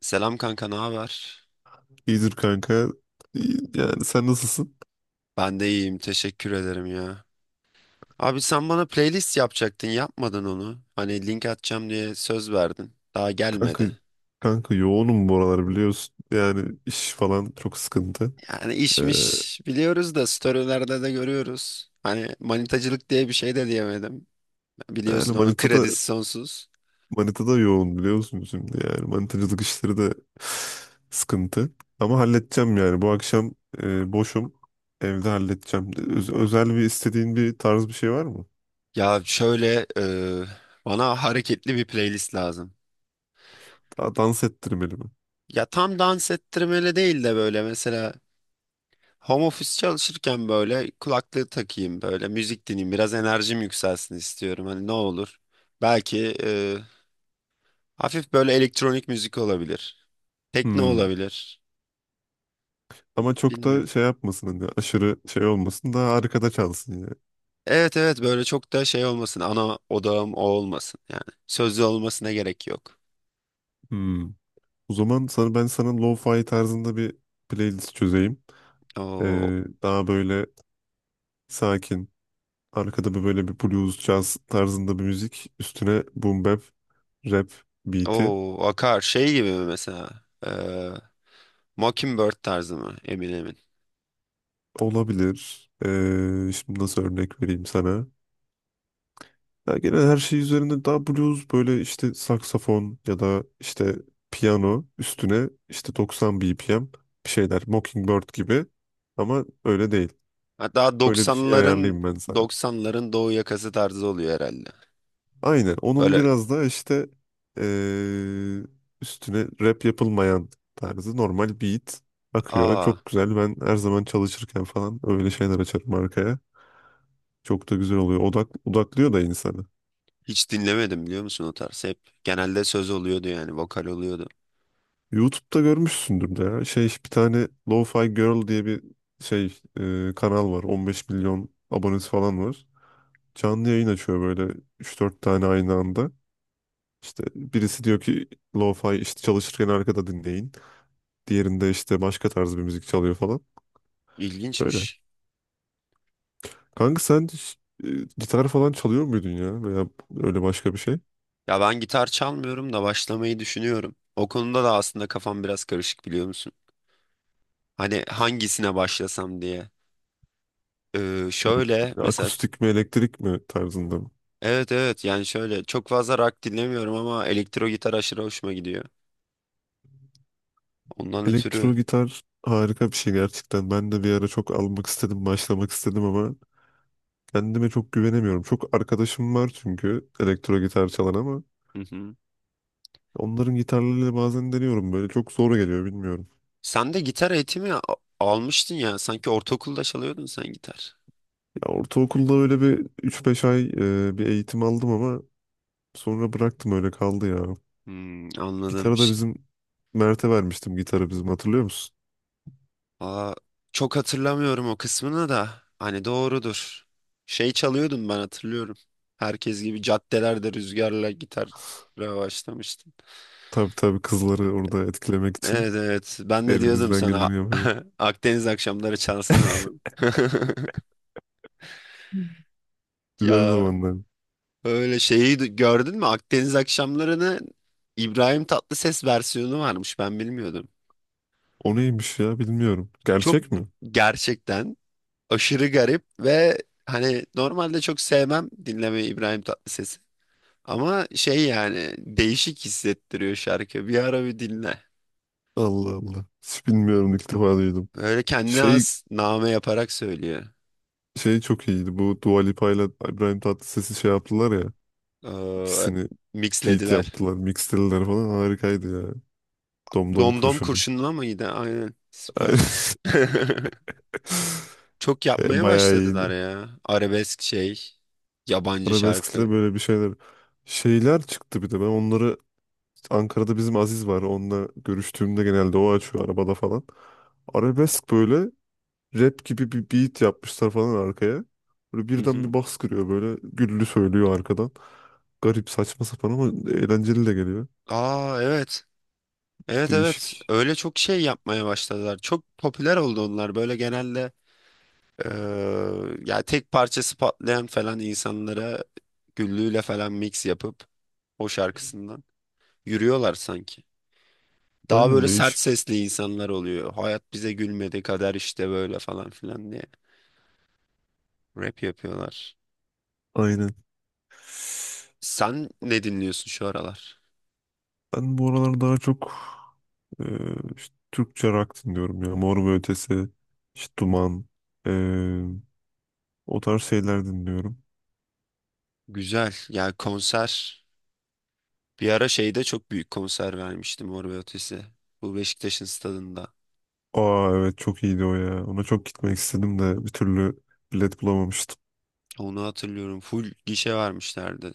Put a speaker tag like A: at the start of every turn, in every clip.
A: Selam kanka, ne haber?
B: İyidir kanka. Yani sen nasılsın?
A: Ben de iyiyim, teşekkür ederim ya. Abi sen bana playlist yapacaktın, yapmadın onu. Hani link atacağım diye söz verdin. Daha
B: Kanka
A: gelmedi.
B: kanka, yoğunum bu aralar biliyorsun. Yani iş falan çok sıkıntı.
A: Yani
B: Ee,
A: işmiş biliyoruz da storylerde de görüyoruz. Hani manitacılık diye bir şey de diyemedim.
B: yani
A: Biliyorsun onun
B: Manita'da
A: kredisi sonsuz.
B: Manita'da yoğun biliyorsun şimdi yani manitacılık işleri de sıkıntı. Ama halledeceğim yani bu akşam boşum. Evde halledeceğim. Özel bir istediğin bir tarz bir şey var mı?
A: Ya şöyle bana hareketli bir playlist lazım.
B: Daha dans ettirmeli mi?
A: Ya tam dans ettirmeli değil de böyle mesela home office çalışırken böyle kulaklığı takayım böyle müzik dinleyeyim biraz enerjim yükselsin istiyorum hani ne olur. Belki hafif böyle elektronik müzik olabilir. Tekno
B: Hmm.
A: olabilir.
B: Ama çok
A: Bilmiyorum.
B: da şey yapmasın hani aşırı şey olmasın daha arkada çalsın
A: Evet evet, böyle çok da şey olmasın, ana odağım o olmasın yani. Sözlü olmasına gerek yok.
B: yani. O zaman sana, ben sana lo-fi tarzında bir playlist çözeyim.
A: O
B: Daha böyle sakin, arkada bir böyle bir blues, jazz tarzında bir müzik. Üstüne boom bap, rap beat'i
A: o akar şey gibi mi mesela, e, Mockingbird tarzı mı, emin emin.
B: olabilir. Şimdi nasıl örnek vereyim sana? Ya genel her şey üzerinde daha blues böyle işte saksafon ya da işte piyano üstüne işte 90 BPM bir şeyler Mockingbird gibi ama öyle değil.
A: Hatta
B: Öyle bir şey
A: doksanların
B: ayarlayayım ben sana.
A: doksanların doğu yakası tarzı oluyor herhalde.
B: Aynen onun
A: Böyle.
B: biraz da işte eee, üstüne rap yapılmayan tarzı normal beat akıyor.
A: Aa.
B: Çok güzel ben her zaman çalışırken falan öyle şeyler açarım arkaya. Çok da güzel oluyor. Odaklıyor da insanı.
A: Hiç dinlemedim biliyor musun o tarz? Hep genelde söz oluyordu yani vokal oluyordu.
B: YouTube'da görmüşsündür de ya. Şey bir tane Lo-Fi Girl diye bir şey kanal var. 15 milyon abonesi falan var. Canlı yayın açıyor böyle üç dört tane aynı anda. İşte birisi diyor ki Lo-Fi işte çalışırken arkada dinleyin. Diğerinde işte başka tarz bir müzik çalıyor falan. Böyle.
A: İlginçmiş.
B: Kanka sen hiç, gitar falan çalıyor muydun ya? Veya öyle başka bir şey?
A: Ya ben gitar çalmıyorum da başlamayı düşünüyorum. O konuda da aslında kafam biraz karışık biliyor musun? Hani hangisine başlasam diye. Şöyle
B: Hı.
A: mesela,
B: Akustik mi elektrik mi tarzında mı?
A: evet evet, yani şöyle çok fazla rock dinlemiyorum ama elektro gitar aşırı hoşuma gidiyor. Ondan ötürü.
B: Elektro gitar harika bir şey gerçekten. Ben de bir ara çok almak istedim, başlamak istedim ama kendime çok güvenemiyorum. Çok arkadaşım var çünkü elektro gitar çalan ama
A: Hı hı.
B: onların gitarlarıyla bazen deniyorum böyle çok zor geliyor bilmiyorum.
A: Sen de gitar eğitimi almıştın ya, sanki ortaokulda çalıyordun sen gitar.
B: Ya ortaokulda öyle bir üç beş ay bir eğitim aldım ama sonra bıraktım öyle kaldı ya.
A: Hmm, anladım.
B: Gitarı da bizim Mert'e vermiştim gitarı bizim hatırlıyor musun?
A: Aa, çok hatırlamıyorum o kısmını da. Hani doğrudur. Şey çalıyordum ben, hatırlıyorum. Herkes gibi caddelerde rüzgarla gitar başlamıştım.
B: Tabii tabii kızları orada etkilemek için
A: Evet evet. Ben de diyordum
B: elimizden
A: sana.
B: geleni yapıyor.
A: Akdeniz akşamları çalsana oğlum.
B: Güzel
A: Ya
B: zamanlar.
A: öyle şeyi gördün mü? Akdeniz akşamlarını İbrahim Tatlıses versiyonu varmış. Ben bilmiyordum.
B: O neymiş ya bilmiyorum.
A: Çok,
B: Gerçek mi?
A: gerçekten, aşırı garip ve hani normalde çok sevmem dinlemeyi İbrahim Tatlıses'i. Ama şey yani değişik hissettiriyor şarkı. Bir ara bir dinle.
B: Allah Allah. Hiç bilmiyorum ilk defa duydum.
A: Böyle kendine
B: Şey
A: has name yaparak söylüyor.
B: şey, çok iyiydi. Bu Dua Lipa ile İbrahim Tatlıses'i şey yaptılar ya.
A: Ee,
B: İkisini feat
A: Mixlediler.
B: yaptılar. Mixlediler falan. Harikaydı ya. Domdom
A: Domdom
B: kurşunu.
A: kurşunla mıydı? Aynen. Süper. Çok
B: E,
A: yapmaya
B: bayağı
A: başladılar
B: iyiydi.
A: ya. Arabesk şey. Yabancı
B: Arabesk'le
A: şarkı.
B: böyle bir şeyler. Şeyler çıktı bir de. Ben onları Ankara'da bizim Aziz var. Onunla görüştüğümde genelde o açıyor arabada falan. Arabesk böyle rap gibi bir beat yapmışlar falan arkaya. Böyle
A: Hı
B: birden bir
A: hı.
B: bas kırıyor böyle güllü söylüyor arkadan. Garip saçma sapan ama eğlenceli de geliyor.
A: Aa evet. Evet evet.
B: Değişik.
A: Öyle çok şey yapmaya başladılar. Çok popüler oldu onlar. Böyle genelde, Ee, yani tek parçası patlayan falan insanlara güllüğüyle falan mix yapıp o şarkısından yürüyorlar sanki. Daha
B: Aynen
A: böyle sert
B: değişik.
A: sesli insanlar oluyor. Hayat bize gülmedi, kader işte böyle falan filan diye rap yapıyorlar.
B: Aynen.
A: Sen ne dinliyorsun şu aralar?
B: Ben bu aralar daha çok e, işte Türkçe rock dinliyorum ya. Mor ve Ötesi, işte Duman, e, o tarz şeyler dinliyorum.
A: Güzel. Yani konser. Bir ara şeyde çok büyük konser vermiştim, Mor ve Ötesi. Bu Beşiktaş'ın stadında.
B: Aa evet çok iyiydi o ya. Ona çok gitmek istedim de bir türlü bilet bulamamıştım.
A: Onu hatırlıyorum. Full gişe vermişlerdi.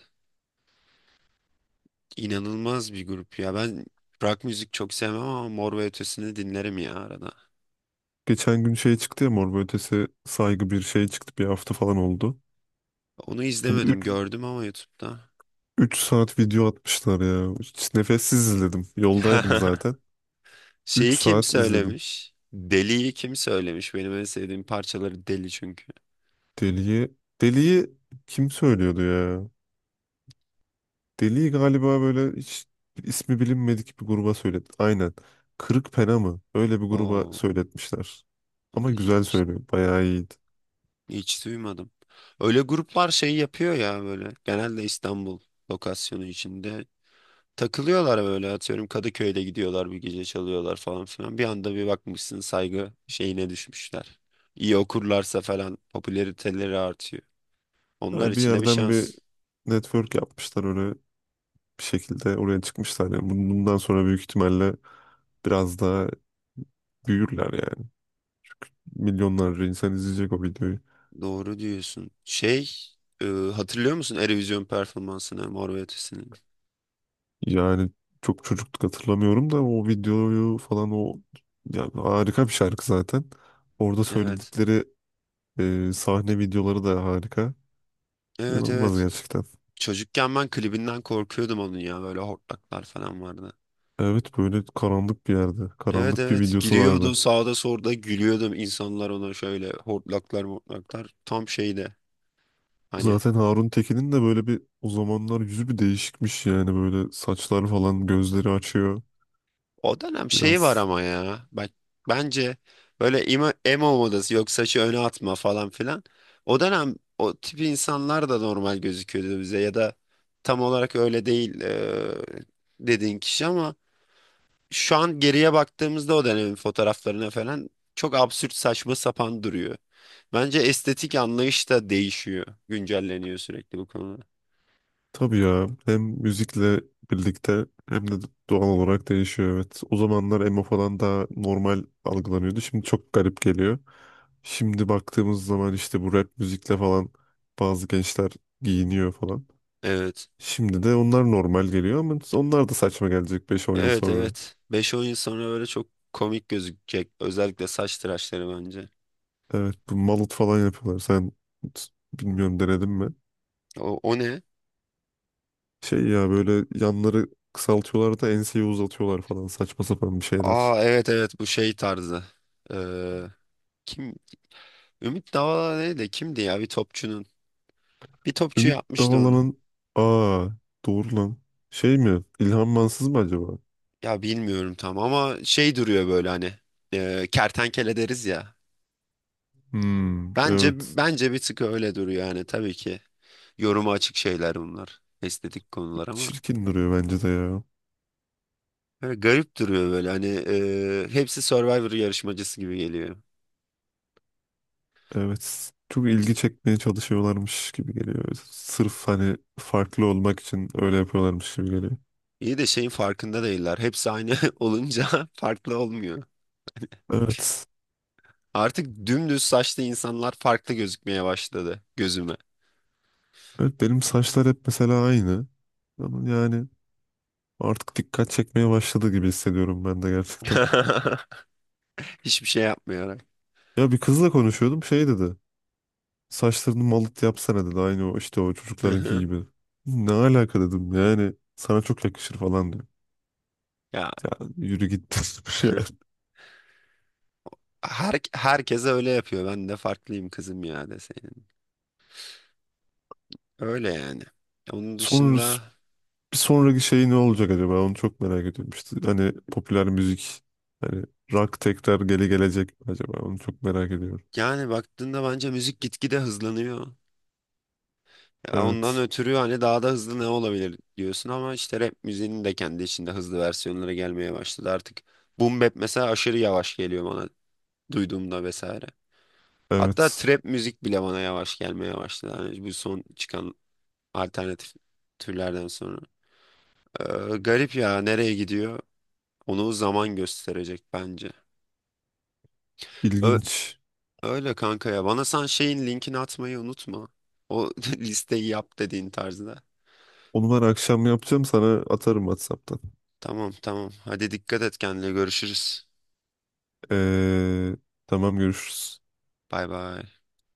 A: İnanılmaz bir grup ya. Ben rock müzik çok sevmem ama Mor ve Ötesi'ni dinlerim ya arada.
B: Geçen gün şey çıktı ya Mor ve Ötesi saygı bir şey çıktı. Bir hafta falan oldu.
A: Onu
B: Onu
A: izlemedim,
B: üç
A: gördüm ama YouTube'da.
B: üç saat video atmışlar ya. Hiç nefessiz izledim. Yoldaydım zaten. Üç
A: Şeyi kim
B: saat izledim.
A: söylemiş? Deli'yi kim söylemiş? Benim en sevdiğim parçaları Deli çünkü.
B: Deli'yi Deli'yi kim söylüyordu ya? Deli'yi galiba böyle hiç ismi bilinmedik bir gruba söyletti. Aynen. Kırık Pena mı? Öyle bir gruba
A: Oo,
B: söyletmişler. Ama güzel
A: hiç,
B: söylüyor. Bayağı iyi.
A: hiç duymadım. Öyle gruplar şey yapıyor ya böyle. Genelde İstanbul lokasyonu içinde takılıyorlar, böyle atıyorum Kadıköy'de gidiyorlar bir gece çalıyorlar falan filan. Bir anda bir bakmışsın saygı şeyine düşmüşler. İyi okurlarsa falan popülariteleri artıyor. Onlar
B: Ha, bir
A: için de bir
B: yerden bir
A: şans.
B: network yapmışlar öyle bir şekilde oraya çıkmışlar. Yani bundan sonra büyük ihtimalle biraz daha büyürler yani. Milyonlarca insan izleyecek o videoyu.
A: Doğru diyorsun. Şey, hatırlıyor musun Eurovision performansını Mor ve Ötesi'nin?
B: Yani çok çocukluk hatırlamıyorum da o videoyu falan o yani harika bir şarkı zaten. Orada
A: Evet.
B: söyledikleri sahne videoları da harika.
A: Evet
B: İnanılmaz
A: evet.
B: gerçekten.
A: Çocukken ben klibinden korkuyordum onun ya, böyle hortlaklar falan vardı.
B: Evet böyle karanlık bir yerde.
A: Evet
B: Karanlık bir
A: evet,
B: videosu
A: giriyordu
B: vardı.
A: sağda solda, gülüyordum insanlar ona, şöyle hortlaklar mortlaklar tam şeyde. Hani
B: Zaten Harun Tekin'in de böyle bir o zamanlar yüzü bir değişikmiş yani böyle saçlar falan gözleri açıyor.
A: o dönem şeyi var
B: Biraz
A: ama ya. Bak, bence böyle emo modası, yok saçı öne atma falan filan. O dönem o tip insanlar da normal gözüküyordu bize ya da tam olarak öyle değil dediğin kişi ama şu an geriye baktığımızda o dönemin fotoğraflarına falan çok absürt, saçma sapan duruyor. Bence estetik anlayış da değişiyor. Güncelleniyor sürekli bu konuda.
B: tabii ya hem müzikle birlikte hem de doğal olarak değişiyor evet. O zamanlar emo falan daha normal algılanıyordu. Şimdi çok garip geliyor. Şimdi baktığımız zaman işte bu rap müzikle falan bazı gençler giyiniyor falan.
A: Evet.
B: Şimdi de onlar normal geliyor ama onlar da saçma gelecek beş 10 yıl
A: Evet
B: sonra.
A: evet. Beş on yıl sonra böyle çok komik gözükecek. Özellikle saç tıraşları bence.
B: Evet bu malut falan yapıyorlar. Sen bilmiyorum denedin mi?
A: O ne?
B: Şey ya böyle yanları kısaltıyorlar da enseyi uzatıyorlar falan saçma sapan bir şeyler.
A: Aa evet evet, bu şey tarzı. Ee, Kim? Ümit Davala neydi? Kimdi ya bir topçunun? Bir topçu
B: Ümit
A: yapmıştı onu.
B: Davala'nın aa doğru lan. Şey mi? İlhan Mansız mı acaba?
A: Ya bilmiyorum tam ama şey duruyor böyle hani, kertenkele deriz ya.
B: Hmm,
A: Bence
B: evet.
A: bence bir tık öyle duruyor yani, tabii ki. Yoruma açık şeyler bunlar. Estetik konular ama.
B: Çirkin duruyor bence de ya.
A: Böyle garip duruyor, böyle hani, hepsi Survivor yarışmacısı gibi geliyor.
B: Evet. Çok ilgi çekmeye çalışıyorlarmış gibi geliyor. Sırf hani farklı olmak için öyle yapıyorlarmış gibi geliyor.
A: İyi de şeyin farkında değiller. Hepsi aynı olunca farklı olmuyor.
B: Evet.
A: Artık dümdüz saçlı insanlar farklı gözükmeye başladı gözüme.
B: Evet benim saçlar hep mesela aynı. Ama yani artık dikkat çekmeye başladı gibi hissediyorum ben de gerçekten.
A: Hiçbir şey yapmıyor.
B: Ya bir kızla konuşuyordum şey dedi. Saçlarını malıt yapsana dedi. Aynı o işte o
A: Hı
B: çocuklarınki
A: hı.
B: gibi. Ne alaka dedim yani sana çok yakışır falan diyor.
A: Ya
B: Ya yürü git dedim yani.
A: herkes öyle yapıyor. Ben de farklıyım kızım ya, deseydin. Öyle yani. Onun
B: Sonra
A: dışında,
B: bir sonraki şey ne olacak acaba onu çok merak ediyorum. İşte hani popüler müzik hani rock tekrar geri gelecek mi acaba onu çok merak ediyorum.
A: yani baktığında bence müzik gitgide hızlanıyor. Ya ondan
B: Evet
A: ötürü hani daha da hızlı ne olabilir diyorsun ama işte rap müziğinin de kendi içinde hızlı versiyonlara gelmeye başladı artık. Boom bap mesela aşırı yavaş geliyor bana duyduğumda vesaire. Hatta
B: evet,
A: trap müzik bile bana yavaş gelmeye başladı, hani bu son çıkan alternatif türlerden sonra. Ee, Garip ya, nereye gidiyor? Onu zaman gösterecek bence. Ö-
B: İlginç.
A: Öyle kanka ya. Bana sen şeyin linkini atmayı unutma. O listeyi yap dediğin tarzda.
B: Onu ben akşam yapacağım sana atarım WhatsApp'tan.
A: Tamam tamam. Hadi dikkat et kendine. Görüşürüz.
B: Ee, tamam görüşürüz.
A: Bay bay.